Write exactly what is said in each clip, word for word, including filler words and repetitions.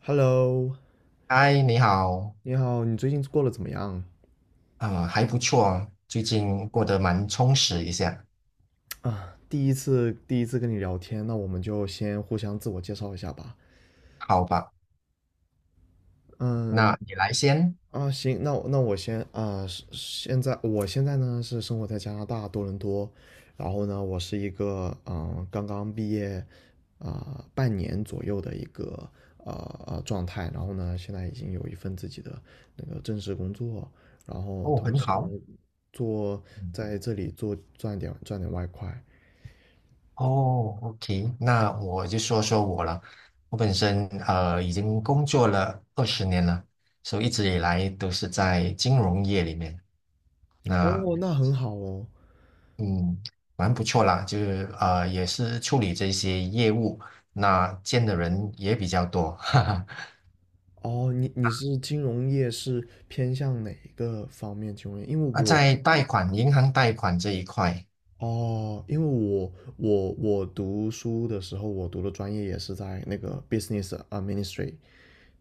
Hello，嗨，你好。你好，你最近过得怎么样呃，还不错，最近过得蛮充实一下。啊？第一次第一次跟你聊天，那我们就先互相自我介绍一下吧。好吧？嗯，那你来先。啊，行，那我那我先啊，是现在我现在呢是生活在加拿大多伦多，然后呢，我是一个嗯、呃刚刚毕业啊、呃半年左右的一个呃呃状态，然后呢，现在已经有一份自己的那个正式工作，然后哦，同很时呢好。做嗯。在这里做赚点赚点外快，哦，OK，那我就说说我了。我本身呃已经工作了二十年了，所以一直以来都是在金融业里面。那哦，那很好哦。嗯，蛮不错啦，就是呃也是处理这些业务，那见的人也比较多，哈哈。哦，你你是金融业是偏向哪一个方面金融业？因为啊，我在贷款银行贷款这一块。哦，因为我我我读书的时候，我读的专业也是在那个 business a m i n i s t r y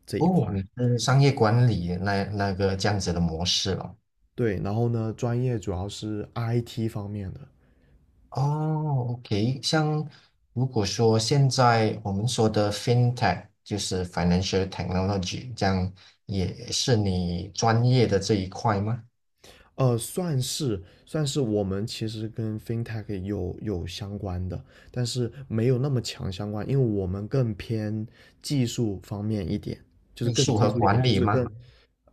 这一块。哦，你是商业管理那那个这样子的模式了。对，然后呢，专业主要是 I T 方面的，哦，OK，像如果说现在我们说的 FinTech 就是 Financial Technology，这样也是你专业的这一块吗？呃，算是算是我们其实跟 fintech 有有相关的，但是没有那么强相关，因为我们更偏技术方面一点，就是艺更术技和术一点，管就理是更吗？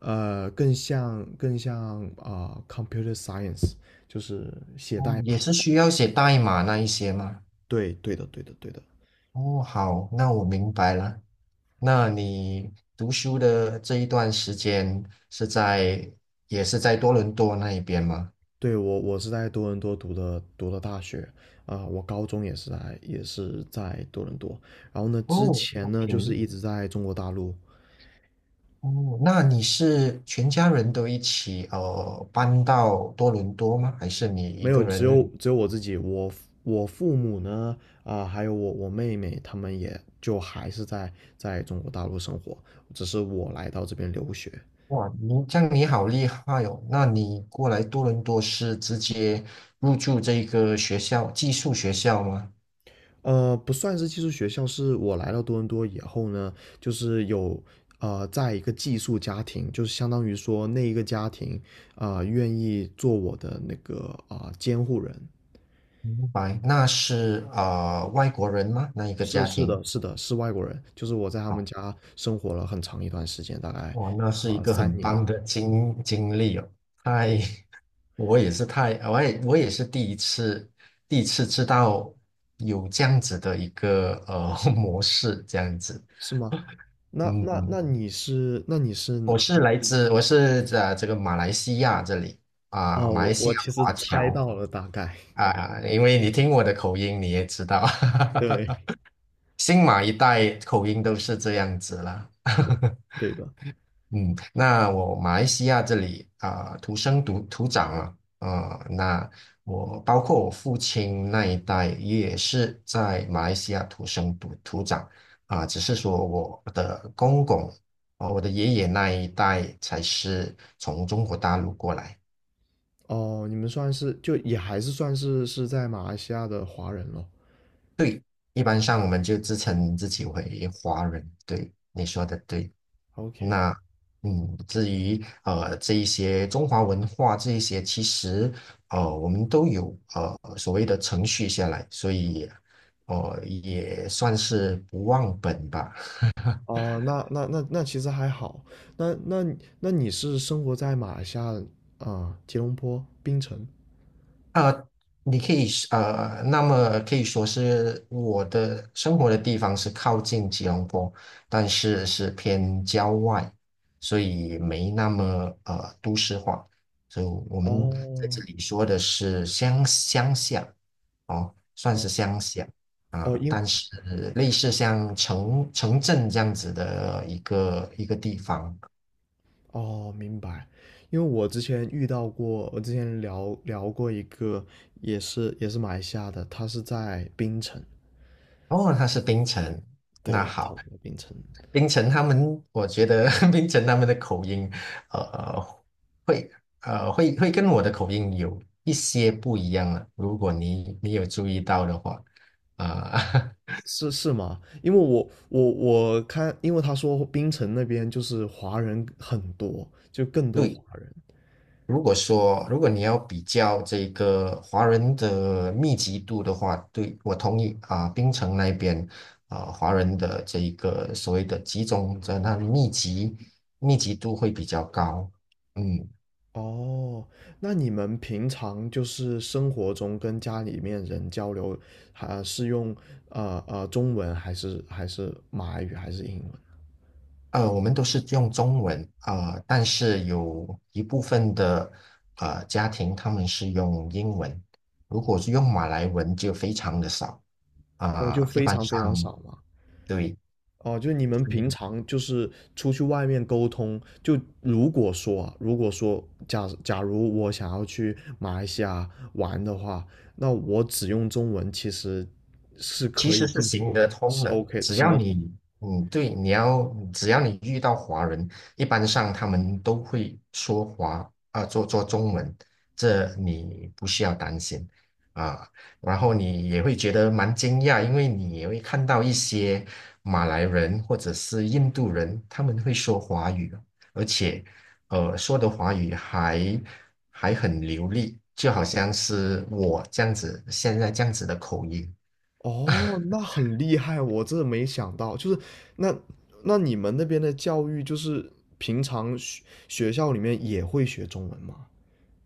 呃更像更像啊、呃 computer science，就是哦，也是需要写代码那一些吗？对对的对的对的。哦，好，那我明白了。那你读书的这一段时间是在，也是在多伦多那一边吗？对，我我是在多伦多读的读的大学啊、我高中也是在也是在多伦多，然后呢，之哦前呢就是，OK。一直在中国大陆，哦，那你是全家人都一起呃搬到多伦多吗？还是你没一有个只人？有只有我自己，我我父母呢啊、还有我我妹妹，他们也就还是在在中国大陆生活，只是我来到这边留学，哇，你这样你好厉害哦！那你过来多伦多是直接入住这个学校寄宿学校吗？呃，不算是寄宿学校，是我来到多伦多以后呢，就是有呃，在一个寄宿家庭，就是相当于说那一个家庭啊、呃愿意做我的那个啊、呃监护人。明白，那是呃外国人吗？那一个是家是庭？的，是的，是外国人，就是我在他们家生活了很长一段时间，大概哇，那是啊、一呃个三很年，棒的经经历哦！太，我也是太，我也我也是第一次，第一次知道有这样子的一个呃 模式，这样子。是吗？那那嗯，那你是那你是我是来自，我是在这个马来西亚这里啊，哦，马来我西我亚其实华猜侨到了大概，啊，因为你听我的口音，你也知道。对 新马一代口音都是这样子啦。对的，嗯，那我马来西亚这里啊、土生土土长啊，啊、呃那我包括我父亲那一代也是在马来西亚土生土土长啊、只是说我的公公。哦，我的爷爷那一代才是从中国大陆过来。哦，你们算是就也还是算是是在马来西亚的华人咯。一般上我们就自称自己为华人，对，你说的对。OK，那嗯，至于呃这一些中华文化这一些，其实呃我们都有呃所谓的程序下来，所以呃也算是不忘本吧。哦，那那那那其实还好。那那你那你是生活在马来西亚啊、吉隆坡槟城？你可以是呃，那么可以说是我的生活的地方是靠近吉隆坡，但是是偏郊外，所以没那么呃都市化。所以我们在哦这里说的是乡乡下，哦，算哦是乡下哦，啊，因但是类似像城城镇这样子的一个一个地方。哦，明白，因为我之前遇到过，我之前聊聊过一个也是也是马来西亚的，他是在槟城，哦，他是冰城，那对，他好。是在槟城。冰城他们，我觉得 冰城他们的口音，呃，呃会呃会会跟我的口音有一些不一样了。如果你你有注意到的话，啊、是是吗？因为我我我看，因为他说槟城那边就是华人很多，就更 多对，华人。如果说如果你要比较这个华人的密集度的话，对，我同意啊、冰城那边啊、华人的这一个所谓的集中在那密集，密集度会比较高，嗯。哦，那你们平常就是生活中跟家里面人交流，还是用呃呃中文还是还是马来语还是英文？呃，我们都是用中文，呃，但是有一部分的呃家庭他们是用英文，如果是用马来文就非常的少哦，就啊，一非般常非常上少嘛。对，哦，就是你们平常就是出去外面沟通，就如果说啊，如果说假假如我想要去马来西亚玩的话，那我只用中文其实是其可以实是进行行沟，得通是 的，OK 只行要得通。你，嗯，对，你要，只要你遇到华人，一般上他们都会说华，啊、做做中文，这你不需要担心啊。然后你也会觉得蛮惊讶，因为你也会看到一些马来人或者是印度人，他们会说华语，而且，呃，说的华语还还很流利，就好像是我这样子，现在这样子的口音。哦，那很厉害，我真的没想到，就是那那你们那边的教育就是平常学学校里面也会学中文吗？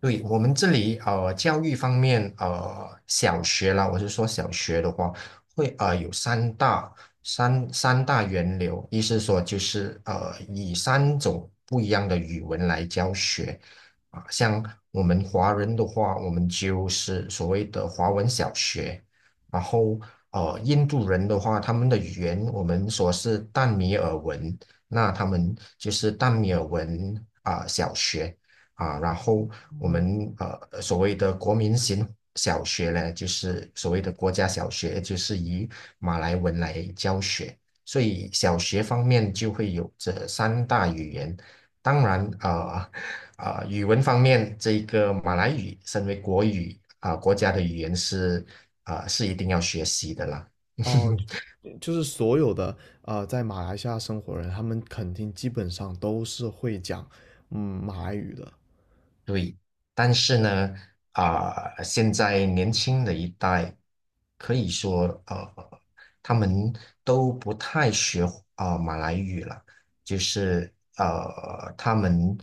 对，我们这里呃，教育方面呃，小学啦，我是说小学的话，会呃有三大三三大源流，意思说就是呃以三种不一样的语文来教学啊，像我们华人的话，我们就是所谓的华文小学。然后呃印度人的话，他们的语言我们说是淡米尔文，那他们就是淡米尔文啊、小学。啊，然后我们呃所谓的国民型小学呢，就是所谓的国家小学，就是以马来文来教学，所以小学方面就会有这三大语言。当然，啊、呃啊、呃语文方面，这个马来语身为国语啊、呃国家的语言是啊、呃是一定要学习的啦。哦，就就是所有的呃，在马来西亚生活人，他们肯定基本上都是会讲嗯马来语的，对，但是呢，啊、现在年轻的一代可以说，呃，他们都不太学啊、呃马来语了，就是呃，他们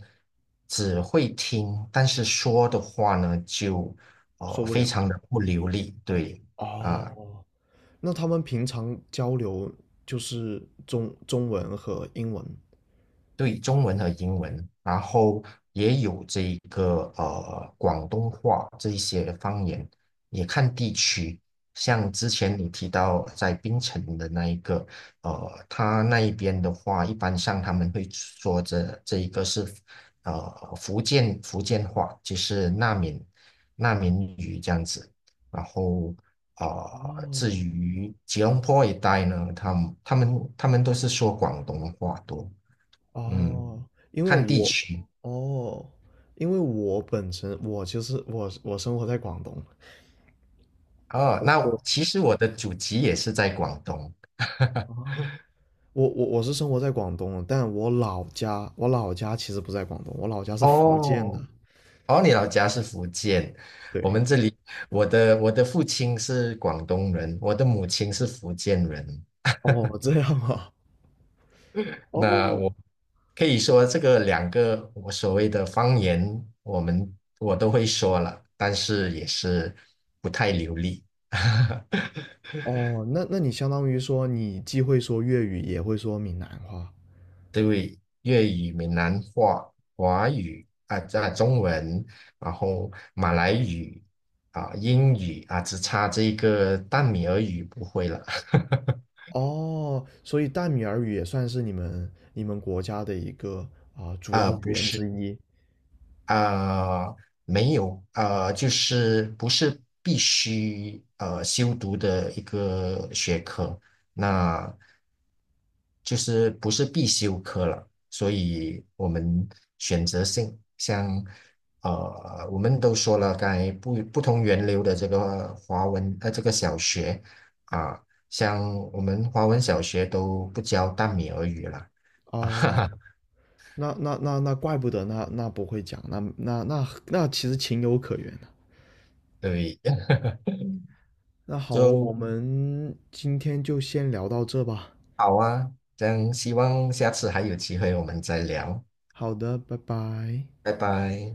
只会听，但是说的话呢，就说呃不非了。常的不流利，对啊、哦，那他们平常交流就是中中文和英文。对，中文和英文，然后也有这一个呃广东话这一些方言，也看地区。像之前你提到在槟城的那一个，呃，他那一边的话，一般上他们会说这这一个是呃福建福建话，就是那闽那闽语这样子。然后呃，至哦于吉隆坡一带呢，他们他们他们都是说广东话多，嗯。哦，因看为地我区哦，因为我本身我其实我我生活在广东，哦。那我其实我的祖籍也是在广东。啊，我我我是生活在广东的但我老家我老家其实不在广东，我老家是福建的。哦，哦，你老家是福建，我对，们这里，我的我的父亲是广东人，我的母亲是福建人。哦，这样啊，那哦我可以说这个两个我所谓的方言，我们我都会说了，但是也是不太流利。哦，那那你相当于说你既会说粤语，也会说闽南话对于粤语、闽南话、华语啊啊中文，然后马来语啊英语啊，只差这个淡米尔语不会了哦，所以淡米尔语也算是你们你们国家的一个啊、主啊，要语不言是之一啊、没有啊、就是不是必须呃修读的一个学科，那就是不是必修科了，所以我们选择性像呃我们都说了，刚才不不同源流的这个华文呃这个小学啊、像我们华文小学都不教淡米尔语了 啊哈哦。哈，那那那那怪不得那那不会讲，那那那那其实情有可原的。对，那好，我就们今天就先聊到这吧。好啊，这样希望下次还有机会我们再聊。好的，拜拜。拜拜。